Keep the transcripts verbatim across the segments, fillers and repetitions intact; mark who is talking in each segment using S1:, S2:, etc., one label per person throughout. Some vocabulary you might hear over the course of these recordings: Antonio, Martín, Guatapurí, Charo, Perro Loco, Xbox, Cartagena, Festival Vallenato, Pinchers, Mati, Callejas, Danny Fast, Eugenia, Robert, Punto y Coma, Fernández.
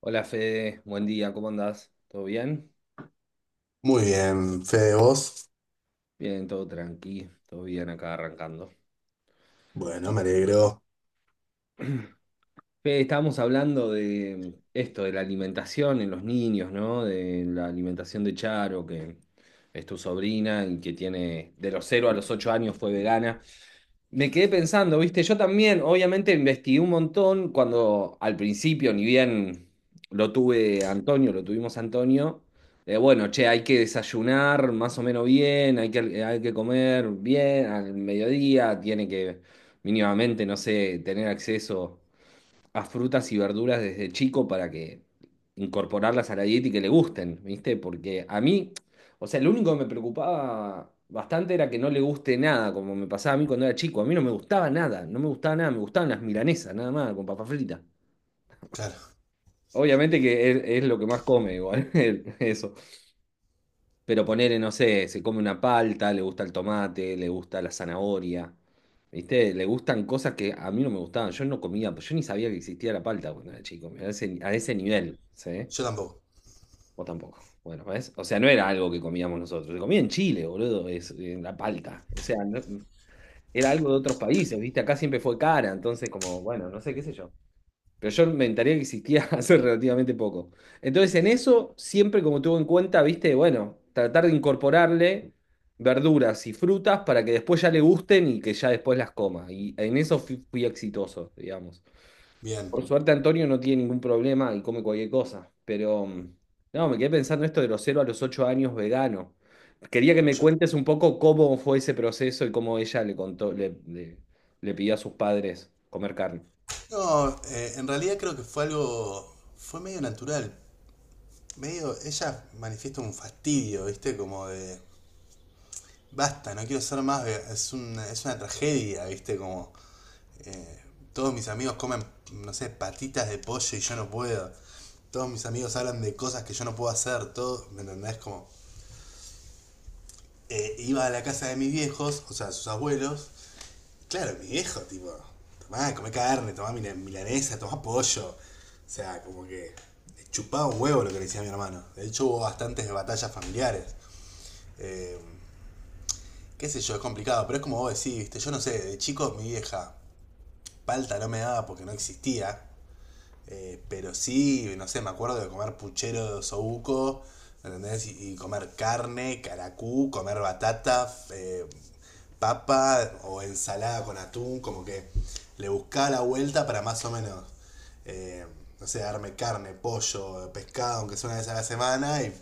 S1: Hola Fede, buen día, ¿cómo andás? ¿Todo bien?
S2: Muy bien, Fede, vos.
S1: Bien, todo tranqui, todo bien acá arrancando.
S2: Bueno, me alegro.
S1: Fede, estábamos hablando de esto, de la alimentación en los niños, ¿no? De la alimentación de Charo, que es tu sobrina y que tiene de los cero a los ocho años fue vegana. Me quedé pensando, viste, yo también obviamente investigué un montón cuando al principio, ni bien lo tuve Antonio, lo tuvimos Antonio, eh, bueno, che, hay que desayunar más o menos bien, hay que, hay que comer bien al mediodía, tiene que mínimamente, no sé, tener acceso a frutas y verduras desde chico para que incorporarlas a la dieta y que le gusten, ¿viste? Porque a mí, o sea, lo único que me preocupaba bastante era que no le guste nada, como me pasaba a mí cuando era chico. A mí no me gustaba nada, no me gustaba nada, me gustaban las milanesas, nada más, con papa frita.
S2: Claro,
S1: Obviamente que es, es lo que más come igual, el- eso. Pero ponele, no sé, se come una palta, le gusta el tomate, le gusta la zanahoria. ¿Viste? Le gustan cosas que a mí no me gustaban. Yo no comía, pues, yo ni sabía que existía la palta cuando era chico. A ese, a ese nivel, ¿sí?
S2: yo tampoco.
S1: Vos tampoco. Bueno, ¿ves? O sea, no era algo que comíamos nosotros. Se comía en Chile, boludo, es, en la palta. O sea, no- era algo de otros países, ¿viste? Acá siempre fue cara, entonces como, bueno, no sé, qué sé yo. Pero yo me enteré que existía hace relativamente poco. Entonces, en eso, siempre como tuve en cuenta, viste, bueno, tratar de incorporarle verduras y frutas para que después ya le gusten y que ya después las coma. Y en eso fui, fui exitoso, digamos.
S2: Bien.
S1: Por suerte, Antonio no tiene ningún problema y come cualquier cosa. Pero, mm, no, me quedé pensando esto de los cero a los ocho años vegano. Quería que me
S2: Yo-
S1: cuentes un poco cómo fue ese proceso y cómo ella le contó, le, le le pidió a sus padres comer carne.
S2: no, eh, en realidad creo que fue algo, fue medio natural. Medio, ella manifiesta un fastidio, ¿viste? Como de, basta, no quiero ser más, ve- es una, es una tragedia, ¿viste? Como todos mis amigos comen, no sé, patitas de pollo y yo no puedo. Todos mis amigos hablan de cosas que yo no puedo hacer, todo, ¿me entendés? Como, eh, iba a la casa de mis viejos, o sea, sus abuelos. Claro, mi viejo, tipo, tomá, comé carne, tomá mila- milanesa, tomá pollo. O sea, como que le chupaba un huevo lo que le decía mi hermano. De hecho, hubo bastantes batallas familiares. Eh, qué sé yo, es complicado, pero es como vos decís, ¿viste? Yo no sé, de chico mi vieja palta no me daba porque no existía. Eh, pero sí, no sé, me acuerdo de comer puchero de osobuco, ¿entendés? Y, y comer carne, caracú, comer batata, eh, papa o ensalada con atún, como que le buscaba la vuelta para más o menos, eh, no sé, darme carne, pollo, pescado, aunque sea una vez a la semana, y,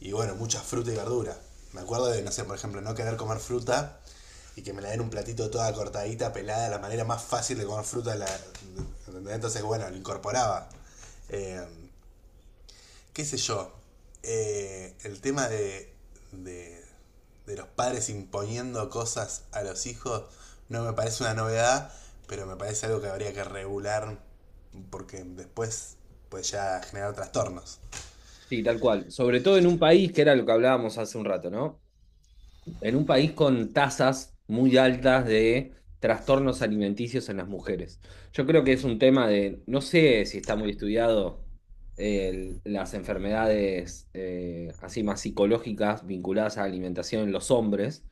S2: y bueno, mucha fruta y verdura. Me acuerdo de, no sé, por ejemplo, no querer comer fruta y que me la den un platito toda cortadita, pelada, la manera más fácil de comer fruta. La, Entonces, bueno, lo incorporaba. Eh, ¿Qué sé yo? Eh, el tema de, de, de los padres imponiendo cosas a los hijos no me parece una novedad, pero me parece algo que habría que regular porque después puede ya generar trastornos.
S1: Sí, tal cual. Sobre todo en un país, que era lo que hablábamos hace un rato, ¿no? En un país con tasas muy altas de trastornos alimenticios en las mujeres. Yo creo que es un tema de, no sé si está muy estudiado eh, las enfermedades eh, así más psicológicas vinculadas a la alimentación en los hombres,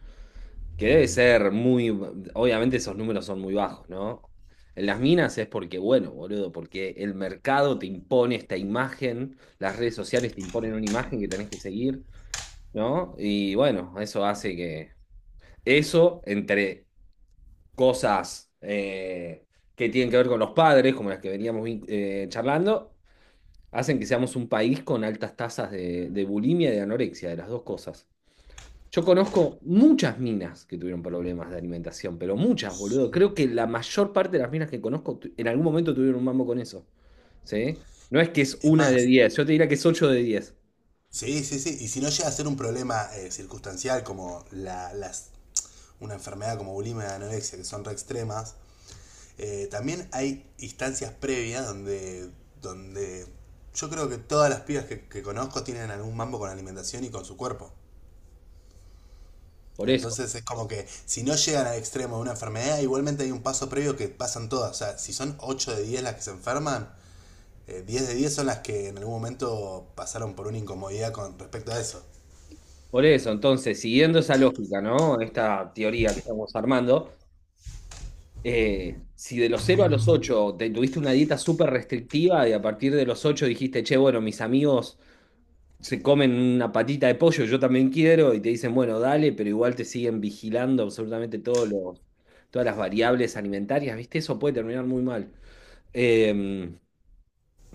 S1: que debe ser muy... Obviamente esos números son muy bajos, ¿no? En las minas es porque, bueno, boludo, porque el mercado te impone esta imagen, las redes sociales te imponen una imagen que tenés que seguir, ¿no? Y bueno, eso hace que... Eso entre cosas eh, que tienen que ver con los padres, como las que veníamos vin- eh, charlando, hacen que seamos un país con altas tasas de, de bulimia y de anorexia, de las dos cosas. Yo conozco muchas minas que tuvieron problemas de alimentación, pero muchas, boludo. Creo que la mayor parte de las minas que conozco tu- en algún momento tuvieron un mambo con eso. ¿Sí? No es que es
S2: Es
S1: una de
S2: más,
S1: diez, yo te diría que es ocho de diez.
S2: sí, sí, sí, y si no llega a ser un problema eh, circunstancial, como la, las una enfermedad como bulimia y anorexia, que son re extremas. Eh, también hay instancias previas donde, donde yo creo que todas las pibas que, que conozco tienen algún mambo con la alimentación y con su cuerpo.
S1: Por eso,
S2: Entonces es como que si no llegan al extremo de una enfermedad, igualmente hay un paso previo que pasan todas. O sea, si son ocho de diez las que se enferman, eh, diez de diez son las que en algún momento pasaron por una incomodidad con respecto a eso.
S1: por eso. Entonces, siguiendo esa lógica, ¿no? Esta teoría que estamos armando, eh, si de los cero a los ocho te tuviste una dieta súper restrictiva y a partir de los ocho dijiste, che, bueno, mis amigos se comen una patita de pollo, yo también quiero, y te dicen, bueno, dale, pero igual te siguen vigilando absolutamente todos los, todas las variables alimentarias, ¿viste? Eso puede terminar muy mal. Eh,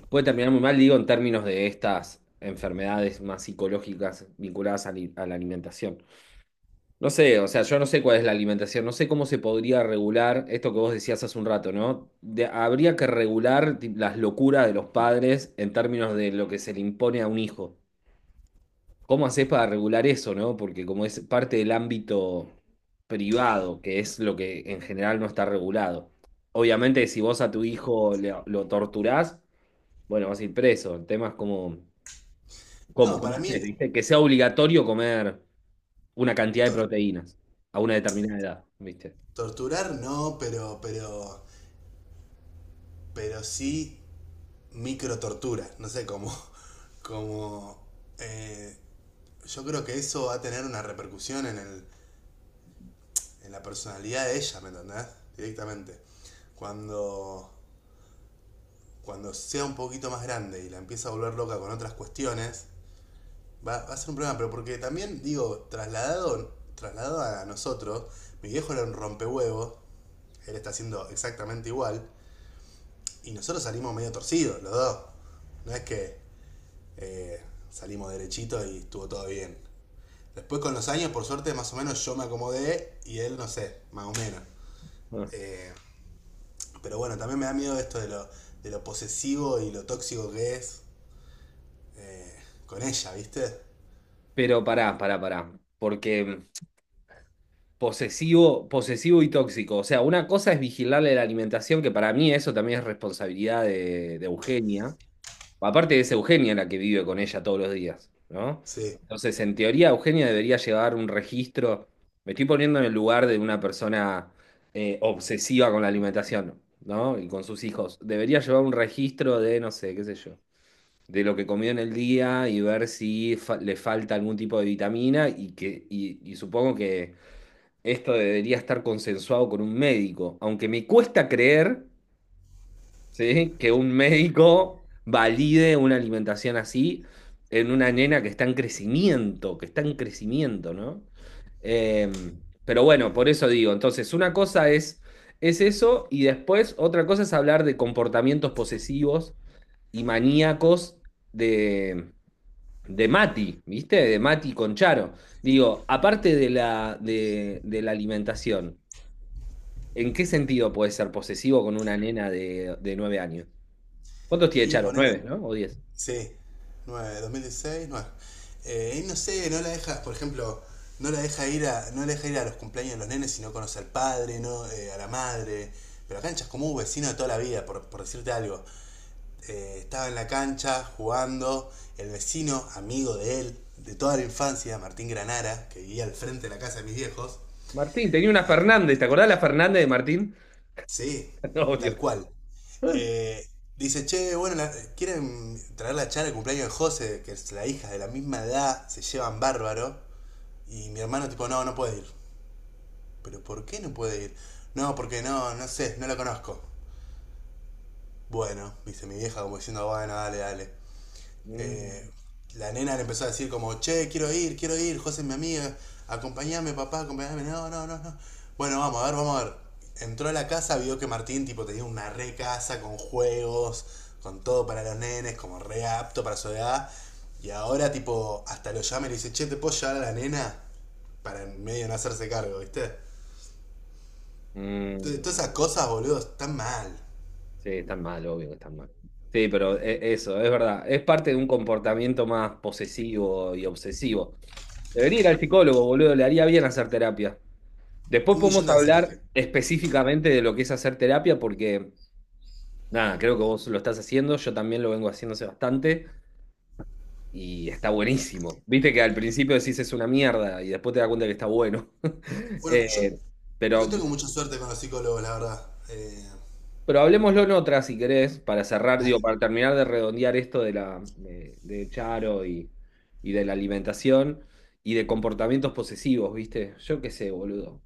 S1: Puede terminar muy mal, digo, en términos de estas enfermedades más psicológicas vinculadas a, li- a la alimentación. No sé, o sea, yo no sé cuál es la alimentación, no sé cómo se podría regular esto que vos decías hace un rato, ¿no? De- habría que regular ti- las locuras de los padres en términos de lo que se le impone a un hijo. ¿Cómo haces para regular eso, no? Porque como es parte del ámbito privado, que es lo que en general no está regulado. Obviamente, si vos a tu hijo le- lo torturás, bueno, vas a ir preso. El tema es como, ¿cómo?
S2: No,
S1: ¿Cómo
S2: para mí
S1: haces, viste? Que sea obligatorio comer una cantidad de
S2: tor-
S1: proteínas a una determinada edad, ¿viste?
S2: torturar no, pero, pero, pero sí micro tortura, no sé cómo. Como, eh, yo creo que eso va a tener una repercusión en, el, en la personalidad de ella, ¿me entendés? Directamente. Cuando, cuando sea un poquito más grande y la empieza a volver loca con otras cuestiones, va, va a ser un problema. Pero porque también, digo, trasladado, trasladado a nosotros, mi viejo era un rompehuevos, él está haciendo exactamente igual, y nosotros salimos medio torcidos, los dos. No es que eh, salimos derechitos y estuvo todo bien. Después con los años, por suerte, más o menos yo me acomodé y él, no sé, más o menos.
S1: Ah.
S2: Eh, pero bueno, también me da miedo esto de lo, de lo posesivo y lo tóxico que es eh, con ella, ¿viste?
S1: Pero pará, pará, pará. Porque posesivo, posesivo y tóxico. O sea, una cosa es vigilarle la alimentación, que para mí eso también es responsabilidad de de Eugenia. Aparte es Eugenia la que vive con ella todos los días, ¿no?
S2: Sí.
S1: Entonces, en teoría, Eugenia debería llevar un registro. Me estoy poniendo en el lugar de una persona eh, obsesiva con la alimentación, ¿no? Y con sus hijos. Debería llevar un registro de, no sé, qué sé yo, de lo que comió en el día y ver si fa- le falta algún tipo de vitamina y que, y, y supongo que esto debería estar consensuado con un médico. Aunque me cuesta creer, ¿sí? Que un médico valide una alimentación así en una nena que está en crecimiento, que está en crecimiento, ¿no? Eh, pero bueno, por eso digo, entonces una cosa es, es eso y después otra cosa es hablar de comportamientos posesivos y maníacos de, de Mati, ¿viste? De Mati con Charo. Digo, aparte de la, de, de la alimentación. ¿En qué sentido puede ser posesivo con una nena de, de nueve años? ¿Cuántos tiene
S2: Y
S1: Charo?
S2: ponerle,
S1: ¿Nueve, no? ¿O diez?
S2: sí, nueve, dos mil dieciséis, nueve. Eh, y no sé, no la deja, por ejemplo, no la deja ir a, no la deja ir a los cumpleaños de los nenes si no conoce al padre, no, eh, a la madre. Pero acá en Chascomú, vecino de toda la vida, por, por decirte algo. eh, estaba en la cancha jugando, el vecino, amigo de él, de toda la infancia, Martín Granara, que vivía al frente de la casa de mis viejos.
S1: Martín, tenía una Fernández, ¿te acordás la Fernández de Martín?
S2: Sí,
S1: Obvio.
S2: tal cual. Eh, dice, che, bueno, la- quieren traer la charla de cumpleaños de José, que es la hija de la misma edad, se llevan bárbaro. Y mi hermano, tipo, no, no puede ir. ¿Pero por qué no puede ir? No, porque no, no sé, no la conozco. Bueno, dice mi vieja como diciendo, bueno, dale, dale. eh,
S1: Mm,
S2: la nena le empezó a decir como, che, quiero ir, quiero ir, José es mi amiga, acompáñame papá, acompáñame no, no, no, no. Bueno, vamos a ver, vamos a ver. Entró a la casa, vio que Martín tipo tenía una re casa con juegos, con todo para los nenes, como re apto para su edad. Y ahora tipo, hasta lo llama y le dice, che, ¿te puedo llevar a la nena? Para en medio no hacerse cargo, ¿viste? Entonces,
S1: mm,
S2: todas esas cosas, boludo, están mal.
S1: sí, están mal, obvio que están mal. Sí, pero e- eso, es verdad. Es parte de un comportamiento más posesivo y obsesivo. Debería ir al psicólogo, boludo, le haría bien hacer terapia. Después
S2: Un millón
S1: podemos
S2: de veces le dije.
S1: hablar específicamente de lo que es hacer terapia, porque nada, creo que vos lo estás haciendo, yo también lo vengo haciendo hace bastante y está buenísimo. Viste que al principio decís es una mierda y después te das cuenta que está bueno.
S2: Bueno, yo
S1: Eh,
S2: no
S1: pero,
S2: tengo mucha suerte con los psicólogos, la verdad. Eh,
S1: pero hablemoslo en otra, si querés, para cerrar, digo,
S2: dale.
S1: para terminar de redondear esto de la de, de Charo y, y de la alimentación y de comportamientos posesivos, ¿viste? Yo qué sé, boludo.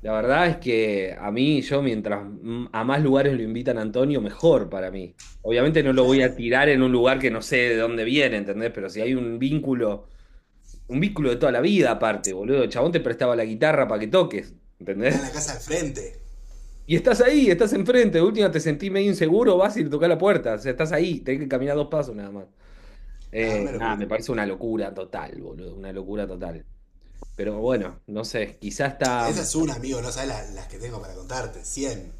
S1: La verdad es que a mí, yo mientras m- a más lugares lo invitan a Antonio, mejor para mí. Obviamente no lo voy
S2: Claro.
S1: a tirar en un lugar que no sé de dónde viene, ¿entendés? Pero si hay un vínculo, un vínculo de toda la vida aparte, boludo. El chabón te prestaba la guitarra para que toques,
S2: Está en la
S1: ¿entendés?
S2: casa de frente.
S1: Y estás ahí, estás enfrente, de última te sentís medio inseguro, vas y le tocás la puerta, o sea, estás ahí, tenés que caminar dos pasos nada más.
S2: Ah,
S1: Eh,
S2: una
S1: nada,
S2: locura.
S1: me parece una locura total, boludo, una locura total. Pero bueno, no sé, quizás está...
S2: Esa es una, amigo, no sabes la- las que tengo para contarte. Cien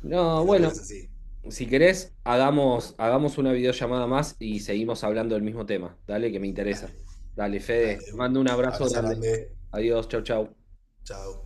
S1: No,
S2: de locuras
S1: bueno,
S2: así.
S1: si querés, hagamos, hagamos una videollamada más y seguimos hablando del mismo tema. Dale, que me interesa.
S2: Dale,
S1: Dale, Fede,
S2: dale, de
S1: te
S2: una.
S1: mando un abrazo
S2: Abrazo
S1: grande.
S2: grande.
S1: Adiós, chau, chau.
S2: Chao.